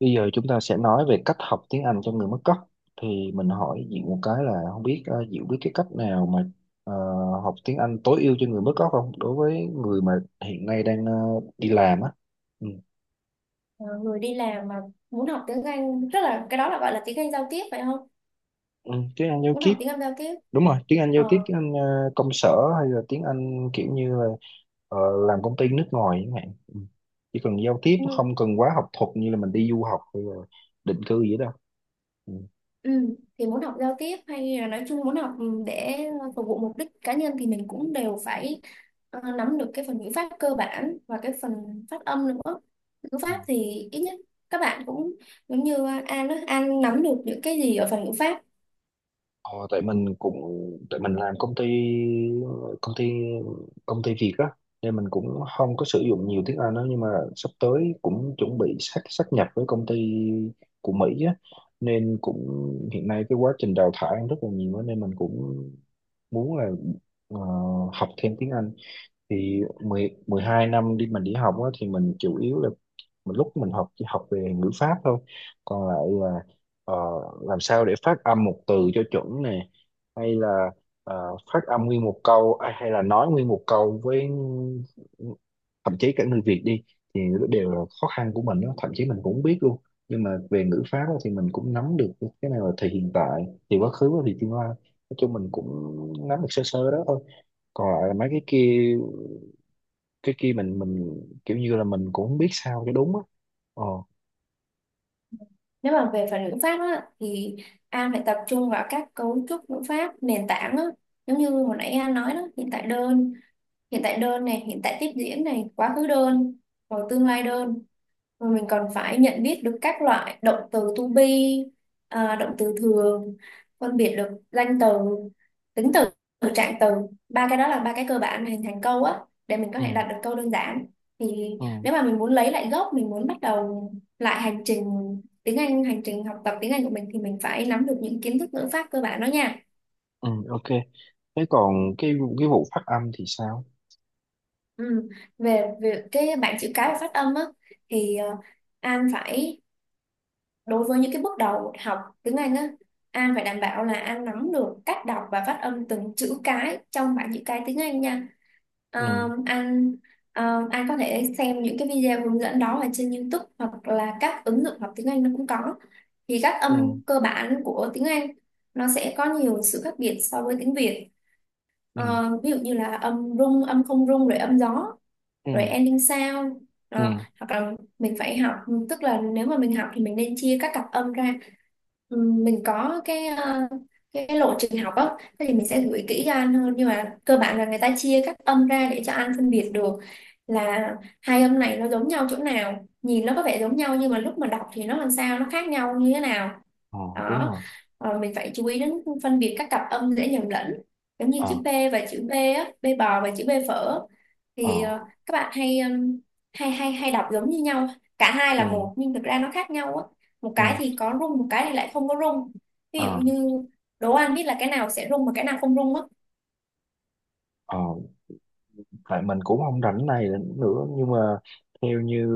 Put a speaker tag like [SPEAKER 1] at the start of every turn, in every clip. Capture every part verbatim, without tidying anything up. [SPEAKER 1] Bây giờ chúng ta sẽ nói về cách học tiếng Anh cho người mất gốc. Thì mình hỏi Diệu một cái là không biết ờ, Diệu biết cái cách nào mà ờ, học tiếng Anh tối ưu cho người mất gốc không? Đối với người mà hiện nay đang ờ, đi làm á. Ừ.
[SPEAKER 2] Ờ, Người đi làm mà muốn học tiếng Anh, tức là cái đó là gọi là tiếng Anh giao tiếp phải không?
[SPEAKER 1] Ừ, tiếng Anh giao
[SPEAKER 2] Muốn
[SPEAKER 1] tiếp,
[SPEAKER 2] học tiếng Anh giao tiếp.
[SPEAKER 1] đúng rồi, tiếng Anh giao tiếp,
[SPEAKER 2] ờ,
[SPEAKER 1] tiếng Anh ờ, công sở hay là tiếng Anh kiểu như là ờ, làm công ty nước ngoài chẳng hạn. Ừ. Chỉ cần giao tiếp
[SPEAKER 2] ừ,
[SPEAKER 1] không cần quá học thuật như là mình đi du học hay là định cư gì đó.
[SPEAKER 2] ừ. Thì muốn học giao tiếp hay là nói chung muốn học, ừ, để phục vụ mục đích cá nhân thì mình cũng đều phải, ờ, nắm được cái phần ngữ pháp cơ bản và cái phần phát âm nữa. Ngữ
[SPEAKER 1] Ừ.
[SPEAKER 2] pháp thì ít nhất các bạn cũng giống như An đó, An nắm được những cái gì ở phần ngữ pháp?
[SPEAKER 1] Ờ, tại mình cũng tại mình làm công ty công ty công ty Việt á, nên mình cũng không có sử dụng nhiều tiếng Anh đó, nhưng mà sắp tới cũng chuẩn bị sát sát nhập với công ty của Mỹ á, nên cũng hiện nay cái quá trình đào thải rất là nhiều á, nên mình cũng muốn là ờ, học thêm tiếng Anh. Thì mười mười hai năm đi mình đi học á, thì mình chủ yếu là mình lúc mình học chỉ học về ngữ pháp thôi, còn lại là ờ, làm sao để phát âm một từ cho chuẩn nè, hay là ờ, phát âm nguyên một câu à, hay là nói nguyên một câu với thậm chí cả người Việt đi, thì nó đều là khó khăn của mình đó. Thậm chí mình cũng không biết luôn, nhưng mà về ngữ pháp á, thì mình cũng nắm được cái này là thì hiện tại, thì quá khứ và thì tương lai. Nói chung mình cũng nắm được sơ sơ đó thôi, còn lại là mấy cái kia. Cái kia mình mình kiểu như là mình cũng không biết sao cho đúng á. ờ
[SPEAKER 2] Nếu mà về phần ngữ pháp á, thì An phải tập trung vào các cấu trúc ngữ pháp nền tảng á. Giống như hồi nãy An nói đó, hiện tại đơn, hiện tại đơn này, hiện tại tiếp diễn này, quá khứ đơn, rồi tương lai đơn, rồi mình còn phải nhận biết được các loại động từ to be à, động từ thường, phân biệt được danh từ, tính từ, trạng từ. Ba cái đó là ba cái cơ bản để hình thành câu á, để mình có
[SPEAKER 1] ừ
[SPEAKER 2] thể đặt được câu đơn giản. Thì
[SPEAKER 1] ừ
[SPEAKER 2] nếu mà mình muốn lấy lại gốc, mình muốn bắt đầu lại hành trình tiếng Anh hành trình học tập tiếng Anh của mình, thì mình phải nắm được những kiến thức ngữ pháp cơ bản đó nha.
[SPEAKER 1] ừ ok. Thế còn cái cái vụ phát âm thì sao?
[SPEAKER 2] Ừ. Về, về cái bảng chữ cái và phát âm á, thì ờ, An phải, đối với những cái bước đầu học tiếng Anh á, An phải đảm bảo là An nắm được cách đọc và phát âm từng chữ cái trong bảng chữ cái tiếng Anh nha. Ờ,
[SPEAKER 1] ừ
[SPEAKER 2] An ờ, An có thể xem những cái video hướng dẫn đó ở trên YouTube hoặc là các ứng dụng học tiếng Anh nó cũng có. Thì các
[SPEAKER 1] ừ
[SPEAKER 2] âm cơ bản của tiếng Anh nó sẽ có nhiều sự khác biệt so với tiếng Việt.
[SPEAKER 1] ừ
[SPEAKER 2] Ờ, ví dụ như là âm rung, âm không rung, rồi âm gió,
[SPEAKER 1] ừ
[SPEAKER 2] rồi ending sound
[SPEAKER 1] ừ
[SPEAKER 2] đó. Hoặc là mình phải học, tức là nếu mà mình học thì mình nên chia các cặp âm ra. Ừm, mình có cái, ờ, cái lộ trình học á, thế thì mình sẽ gửi kỹ cho anh hơn, nhưng mà cơ bản là người ta chia các âm ra để cho anh phân biệt được là hai âm này nó giống nhau chỗ nào, nhìn nó có vẻ giống nhau nhưng mà lúc mà đọc thì nó làm sao, nó khác nhau như thế nào
[SPEAKER 1] ờ Đúng
[SPEAKER 2] đó.
[SPEAKER 1] rồi.
[SPEAKER 2] Ờ, mình phải chú ý đến phân biệt các cặp âm dễ nhầm lẫn, giống như
[SPEAKER 1] ờ
[SPEAKER 2] chữ P và chữ B á, B bò và chữ B phở.
[SPEAKER 1] ờ
[SPEAKER 2] Thì ờ, các bạn hay ừm, hay hay hay đọc giống như nhau, cả hai
[SPEAKER 1] ừ
[SPEAKER 2] là một, nhưng thực ra nó khác nhau á, một
[SPEAKER 1] ừ
[SPEAKER 2] cái thì có rung, một cái thì lại không có rung. Ví dụ
[SPEAKER 1] ờ
[SPEAKER 2] như, đố An biết là cái nào sẽ rung và cái nào không rung á?
[SPEAKER 1] ờ Tại mình cũng không rảnh này nữa, nhưng mà theo như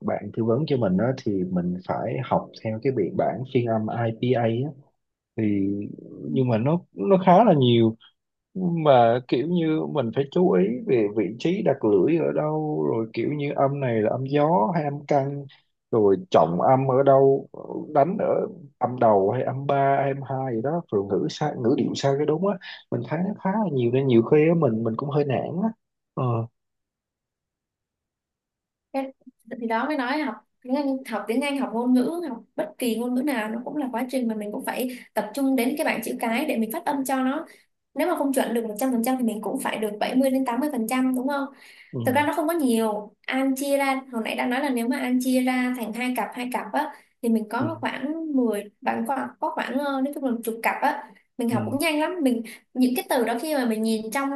[SPEAKER 1] bạn tư vấn cho mình đó thì mình phải học theo cái biên bản phiên âm ai pi ây á, thì
[SPEAKER 2] Ừ.
[SPEAKER 1] nhưng mà nó nó khá là nhiều, mà kiểu như mình phải chú ý về vị trí đặt lưỡi ở đâu, rồi kiểu như âm này là âm gió hay âm căng, rồi trọng âm ở đâu, đánh ở âm đầu hay âm ba hay âm hai gì đó, rồi ngữ sai ngữ điệu sai cái đúng á. Mình thấy nó khá là nhiều nên nhiều khi á, mình mình cũng hơi nản á. ờ
[SPEAKER 2] Thế thì đó mới nói là học tiếng Anh, học tiếng Anh học ngôn ngữ, học bất kỳ ngôn ngữ nào, nó cũng là quá trình mà mình cũng phải tập trung đến cái bảng chữ cái để mình phát âm cho nó, nếu mà không chuẩn được một trăm phần trăm thì mình cũng phải được bảy mươi đến tám mươi phần trăm đúng không?
[SPEAKER 1] ừ
[SPEAKER 2] Thực ra nó không có nhiều. An chia ra, hồi nãy đã nói là nếu mà An chia ra thành hai cặp, hai cặp á, thì mình
[SPEAKER 1] ừ
[SPEAKER 2] có khoảng mười, bạn có, có khoảng, ờ, nói chung là một chục cặp á. Mình học
[SPEAKER 1] ừ
[SPEAKER 2] cũng nhanh lắm. Mình những cái từ đó khi mà mình nhìn trong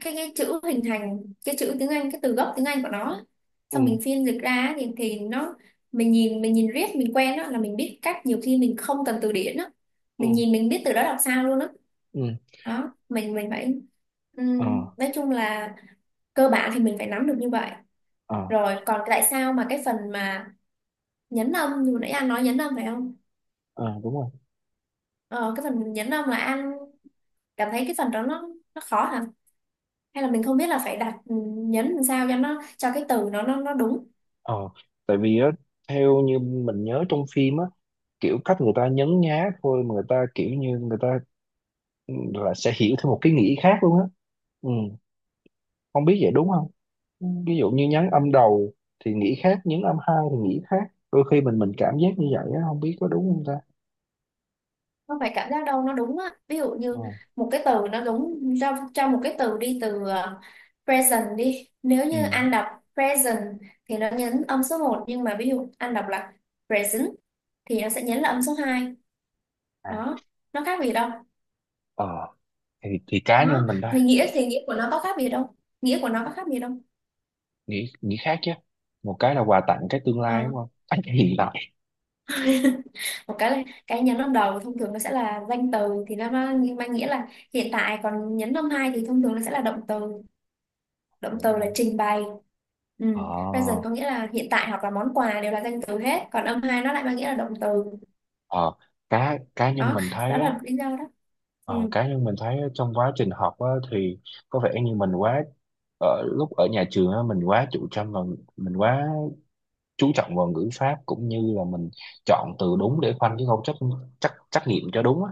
[SPEAKER 2] cái cái chữ hình thành, cái chữ tiếng Anh, cái từ gốc tiếng Anh của nó á,
[SPEAKER 1] ừ
[SPEAKER 2] xong mình phiên dịch ra á, thì thì nó, mình nhìn mình nhìn riết mình quen á, là mình biết cách, nhiều khi mình không cần từ điển á,
[SPEAKER 1] ừ
[SPEAKER 2] mình nhìn mình biết từ đó đọc sao luôn á.
[SPEAKER 1] ừ
[SPEAKER 2] Đó, mình mình phải
[SPEAKER 1] ờ
[SPEAKER 2] ừm, nói chung là cơ bản thì mình phải nắm được như vậy.
[SPEAKER 1] ờ
[SPEAKER 2] Rồi còn tại sao mà cái phần mà nhấn âm, như nãy anh nói nhấn âm phải không?
[SPEAKER 1] ờ, đúng rồi.
[SPEAKER 2] Ờ, cái phần nhấn âm là anh cảm thấy cái phần đó nó nó khó hả, hay là mình không biết là phải đặt ừm, nhấn làm sao cho nó, cho cái từ nó nó nó đúng?
[SPEAKER 1] ờ Tại vì á, theo như mình nhớ trong phim á, kiểu cách người ta nhấn nhá thôi mà người ta kiểu như người ta là sẽ hiểu theo một cái nghĩa khác luôn á. Ừ. Không biết vậy đúng không? Ừ. Ví dụ như nhấn âm đầu thì nghĩ khác, nhấn âm hai thì nghĩ khác. Đôi khi mình mình cảm giác như vậy á, không biết có đúng không ta.
[SPEAKER 2] Không phải cảm giác đâu, nó đúng á. Ví dụ như
[SPEAKER 1] Ừ.
[SPEAKER 2] một cái từ nó đúng, cho cho một cái từ đi, từ ờ, present đi, nếu
[SPEAKER 1] Ừ.
[SPEAKER 2] như anh đọc present thì nó nhấn âm số một, nhưng mà ví dụ anh đọc là present thì nó sẽ nhấn là âm số hai.
[SPEAKER 1] À.
[SPEAKER 2] Đó, nó khác gì đâu.
[SPEAKER 1] ờ thì thì cá
[SPEAKER 2] Nó
[SPEAKER 1] nhân mình thôi
[SPEAKER 2] về nghĩa thì nghĩa của nó có khác gì đâu, nghĩa của nó có khác gì đâu
[SPEAKER 1] nghĩ nghĩ khác chứ. Một cái là quà tặng, cái tương lai
[SPEAKER 2] Ờ.
[SPEAKER 1] đúng không? À, cái hiện tại.
[SPEAKER 2] Một cái là cái nhấn âm đầu thông thường nó sẽ là danh từ, thì nó mang mang nghĩa là hiện tại, còn nhấn âm hai thì thông thường nó sẽ là động từ, động
[SPEAKER 1] Đúng
[SPEAKER 2] từ là
[SPEAKER 1] rồi.
[SPEAKER 2] trình bày. Ừ.
[SPEAKER 1] ờ
[SPEAKER 2] Present có nghĩa là hiện tại hoặc là món quà, đều là danh từ hết, còn âm hai nó lại mang nghĩa là động từ.
[SPEAKER 1] ờ cá Cá nhân
[SPEAKER 2] Đó,
[SPEAKER 1] mình
[SPEAKER 2] đó
[SPEAKER 1] thấy á.
[SPEAKER 2] là lý do đó.
[SPEAKER 1] Ờ,
[SPEAKER 2] Ừ.
[SPEAKER 1] cá nhân mình thấy trong quá trình học á, thì có vẻ như mình quá ở lúc ở nhà trường á, mình quá chủ trương và mình quá chú trọng vào ngữ pháp, cũng như là mình chọn từ đúng để khoanh chứ không trắc trắc trắc nghiệm cho đúng á,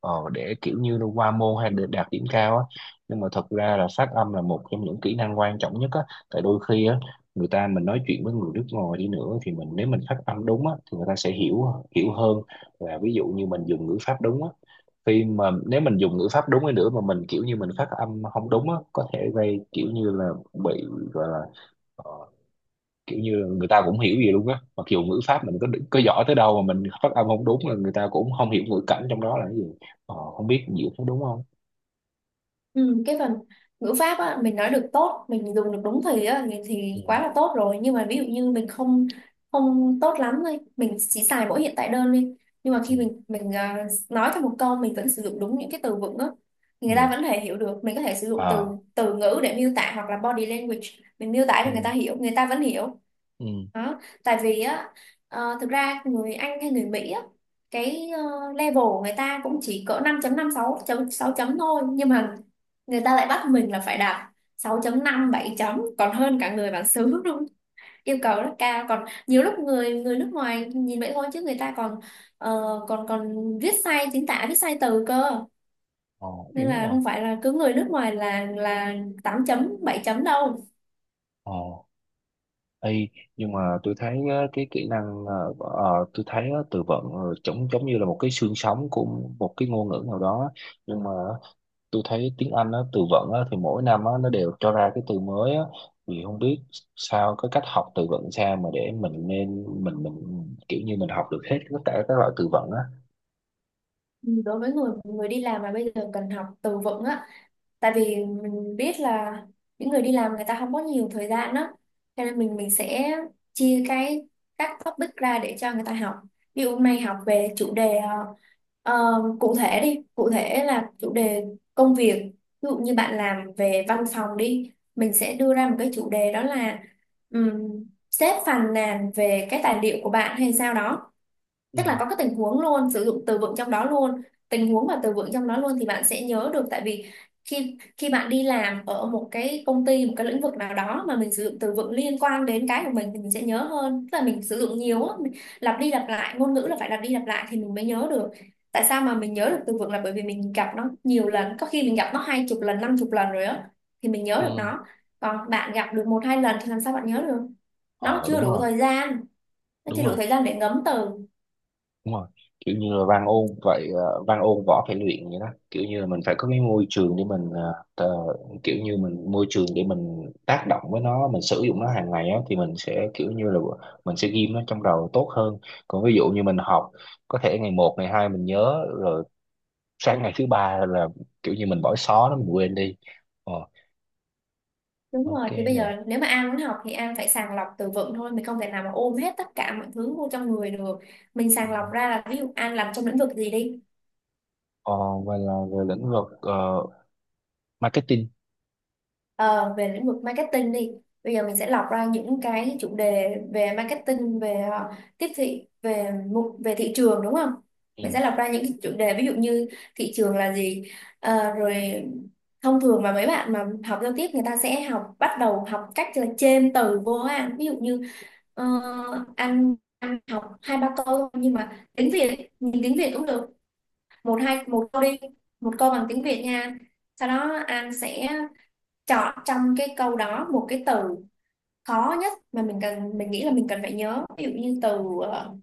[SPEAKER 1] ờ, để kiểu như là qua môn hay để đạt điểm cao á. Nhưng mà thật ra là phát âm là một trong những kỹ năng quan trọng nhất á. Tại đôi khi á, người ta mình nói chuyện với người nước ngoài đi nữa thì mình, nếu mình phát âm đúng á thì người ta sẽ hiểu, hiểu hơn là ví dụ như mình dùng ngữ pháp đúng á. Khi mà nếu mình dùng ngữ pháp đúng đi nữa mà mình kiểu như mình phát âm không đúng á, có thể gây kiểu như là bị gọi là ờ, kiểu như là người ta cũng hiểu gì luôn á. Mặc dù ngữ pháp mình có có giỏi tới đâu mà mình phát âm không đúng là người ta cũng không hiểu ngữ cảnh trong đó là cái gì. Ờ, không biết diễn có đúng không?
[SPEAKER 2] Ừ. Cái phần ngữ pháp á, mình nói được tốt, mình dùng được đúng thì á, thì
[SPEAKER 1] ừ
[SPEAKER 2] quá là tốt rồi. Nhưng mà ví dụ như mình không, không tốt lắm thôi, mình chỉ xài mỗi hiện tại đơn đi, nhưng mà
[SPEAKER 1] ừ
[SPEAKER 2] khi mình mình à, nói theo một câu mình vẫn sử dụng đúng những cái từ vựng á, thì người
[SPEAKER 1] ừ
[SPEAKER 2] ta vẫn thể hiểu được. Mình có thể sử dụng từ,
[SPEAKER 1] à
[SPEAKER 2] từ ngữ để miêu tả hoặc là body language, mình miêu tả cho người ta
[SPEAKER 1] ừ
[SPEAKER 2] hiểu, người ta vẫn hiểu.
[SPEAKER 1] ừ
[SPEAKER 2] Đó. Tại vì á, ờ, thực ra người Anh hay người Mỹ á, cái ờ, level của người ta cũng chỉ cỡ năm chấm năm, sáu chấm sáu chấm thôi, nhưng mà người ta lại bắt mình là phải đạt sáu chấm năm, bảy chấm, còn hơn cả người bản xứ luôn. Yêu cầu rất cao, còn nhiều lúc người người nước ngoài nhìn vậy thôi chứ người ta còn ờ, còn còn viết sai chính tả, viết sai từ cơ,
[SPEAKER 1] ờ,
[SPEAKER 2] nên
[SPEAKER 1] đúng
[SPEAKER 2] là
[SPEAKER 1] rồi.
[SPEAKER 2] không phải là cứ người nước ngoài là là tám chấm, bảy chấm đâu.
[SPEAKER 1] ờ Ê, nhưng mà tôi thấy á, cái kỹ năng ờ, ờ, tôi thấy á, từ vựng ờ, giống giống như là một cái xương sống của một cái ngôn ngữ nào đó. Nhưng mà tôi thấy tiếng Anh á, từ vựng á, thì mỗi năm á, nó đều cho ra cái từ mới á. Thì không biết sao cái cách học từ vựng sao mà để mình nên mình mình kiểu như mình học được hết tất cả các loại từ vựng á.
[SPEAKER 2] Ừ, đối với người người đi làm mà bây giờ cần học từ vựng á, tại vì mình biết là những người đi làm người ta không có nhiều thời gian đó, cho nên mình mình sẽ chia cái, các topic ra để cho người ta học. Ví dụ mày học về chủ đề ờ, ờ, cụ thể đi, cụ thể là chủ đề công việc. Ví dụ như bạn làm về văn phòng đi, mình sẽ đưa ra một cái chủ đề đó là um, sếp phàn nàn về cái tài liệu của bạn hay sao đó.
[SPEAKER 1] ừ
[SPEAKER 2] Tức là có cái tình huống luôn, sử dụng từ vựng trong đó luôn, tình huống và từ vựng trong đó luôn, thì bạn sẽ nhớ được. Tại vì khi khi bạn đi làm ở một cái công ty, một cái lĩnh vực nào đó mà mình sử dụng từ vựng liên quan đến cái của mình thì mình sẽ nhớ hơn, tức là mình sử dụng nhiều á, mình lặp đi lặp lại. Ngôn ngữ là phải lặp đi lặp lại thì mình mới nhớ được. Tại sao mà mình nhớ được từ vựng, là bởi vì mình gặp nó nhiều lần, có khi mình gặp nó hai chục lần, năm chục lần rồi á, thì mình nhớ
[SPEAKER 1] ừ
[SPEAKER 2] được nó. Còn bạn gặp được một hai lần thì làm sao bạn nhớ được? Nó
[SPEAKER 1] ờ
[SPEAKER 2] chưa
[SPEAKER 1] Đúng
[SPEAKER 2] đủ
[SPEAKER 1] rồi,
[SPEAKER 2] thời gian, nó chưa
[SPEAKER 1] đúng
[SPEAKER 2] đủ
[SPEAKER 1] rồi,
[SPEAKER 2] thời gian để ngấm từ.
[SPEAKER 1] đúng rồi, kiểu như là văn ôn vậy. Ờ, văn ôn võ phải luyện vậy đó, kiểu như là mình phải có cái môi trường để mình ờ, tờ- kiểu như mình môi trường để mình tác động với nó, mình sử dụng nó hàng ngày á, thì mình sẽ kiểu như là mình sẽ ghim nó trong đầu tốt hơn. Còn ví dụ như mình học, có thể ngày một ngày hai mình nhớ rồi, sang ngày thứ ba là kiểu như mình bỏ xó nó mình quên đi. ờ,
[SPEAKER 2] Đúng
[SPEAKER 1] ok.
[SPEAKER 2] rồi, thì bây
[SPEAKER 1] Nè.
[SPEAKER 2] giờ nếu mà An muốn học thì An phải sàng lọc từ vựng thôi, mình không thể nào mà ôm hết tất cả mọi thứ vô trong người được. Mình sàng lọc ra là ví dụ An làm trong lĩnh vực gì đi,
[SPEAKER 1] Ờ, và là về lĩnh vực ờ, marketing.
[SPEAKER 2] ờ, về lĩnh vực marketing đi. Bây giờ mình sẽ lọc ra những cái chủ đề về marketing, về ờ, tiếp thị, về mục, về thị trường đúng không?
[SPEAKER 1] ừ,
[SPEAKER 2] Mình sẽ lọc ra những cái chủ đề ví dụ như thị trường là gì. Ờ, rồi thông thường mà mấy bạn mà học giao tiếp người ta sẽ học, bắt đầu học cách là chêm từ vô á An. Ví dụ như ờ, anh, anh học hai ba câu nhưng mà tiếng Việt, nhìn tiếng Việt cũng được, một hai một câu đi, một câu bằng tiếng Việt nha, sau đó anh sẽ chọn trong cái câu đó một cái từ khó nhất mà mình cần, mình nghĩ là mình cần phải nhớ. Ví dụ như từ ờ,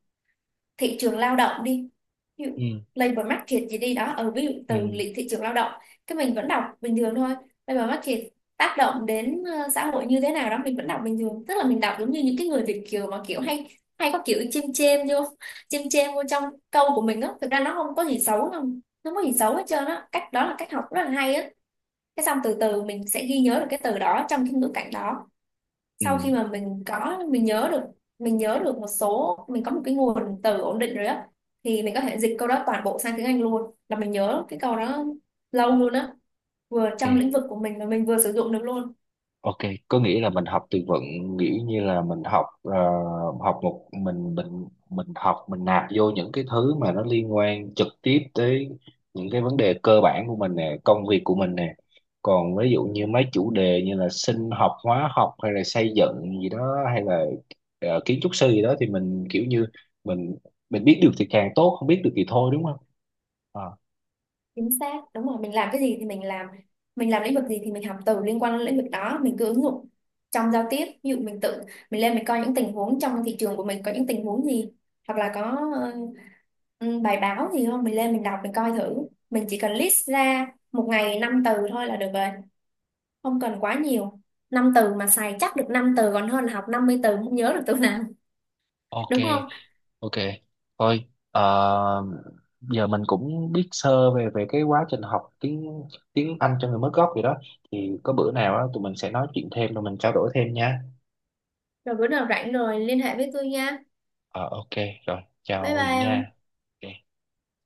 [SPEAKER 2] thị trường lao động đi, ví dụ
[SPEAKER 1] ừ,
[SPEAKER 2] labor market gì đi đó, ở ví dụ từ
[SPEAKER 1] ừ,
[SPEAKER 2] lý- thị trường lao động, cái mình vẫn đọc bình thường thôi, labor market tác động đến ờ, xã hội như thế nào đó, mình vẫn đọc bình thường, tức là mình đọc giống như những cái người Việt kiều mà kiểu hay, hay có kiểu chêm chêm vô, chêm chêm vô trong câu của mình á. Thực ra nó không có gì xấu không, nó không có gì xấu hết trơn á, cách đó là cách học rất là hay á. Cái xong từ từ mình sẽ ghi nhớ được cái từ đó trong cái ngữ cảnh đó.
[SPEAKER 1] ừ.
[SPEAKER 2] Sau khi
[SPEAKER 1] ừ,
[SPEAKER 2] mà mình có mình nhớ được, mình nhớ được một số, mình có một cái nguồn từ ổn định rồi á, thì mình có thể dịch câu đó toàn bộ sang tiếng Anh luôn, là mình nhớ cái câu đó lâu luôn á, vừa trong
[SPEAKER 1] ok.
[SPEAKER 2] lĩnh vực của mình mà mình vừa sử dụng được luôn.
[SPEAKER 1] Ok, có nghĩa là mình học từ vựng, nghĩa như là mình học ờ, học một mình mình mình học mình nạp vô những cái thứ mà nó liên quan trực tiếp tới những cái vấn đề cơ bản của mình nè, công việc của mình nè. Còn ví dụ như mấy chủ đề như là sinh học, hóa học hay là xây dựng gì đó hay là ờ, kiến trúc sư gì đó thì mình kiểu như mình mình biết được thì càng tốt, không biết được thì thôi đúng không? Ờ,
[SPEAKER 2] Chính xác, đúng rồi, mình làm cái gì thì mình làm, mình làm lĩnh vực gì thì mình học từ liên quan đến lĩnh vực đó, mình cứ ứng dụng trong giao tiếp. Ví dụ mình tự mình lên mình coi những tình huống trong thị trường của mình, có những tình huống gì hoặc là có, Ừ, bài báo thì không, mình lên mình đọc mình coi thử, mình chỉ cần list ra một ngày năm từ thôi là được rồi, không cần quá nhiều. Năm từ mà xài chắc được năm từ còn hơn là học năm mươi từ không nhớ được từ nào,
[SPEAKER 1] ok.
[SPEAKER 2] đúng không?
[SPEAKER 1] Ok, thôi ờ, giờ mình cũng biết sơ về về cái quá trình học tiếng tiếng Anh cho người mới gốc vậy đó. Thì có bữa nào á tụi mình sẽ nói chuyện thêm rồi mình trao đổi thêm nha.
[SPEAKER 2] Rồi bữa nào rảnh rồi liên hệ với tôi nha,
[SPEAKER 1] Ờ ok, rồi chào
[SPEAKER 2] bye
[SPEAKER 1] Huyền
[SPEAKER 2] bye.
[SPEAKER 1] nha. Ok.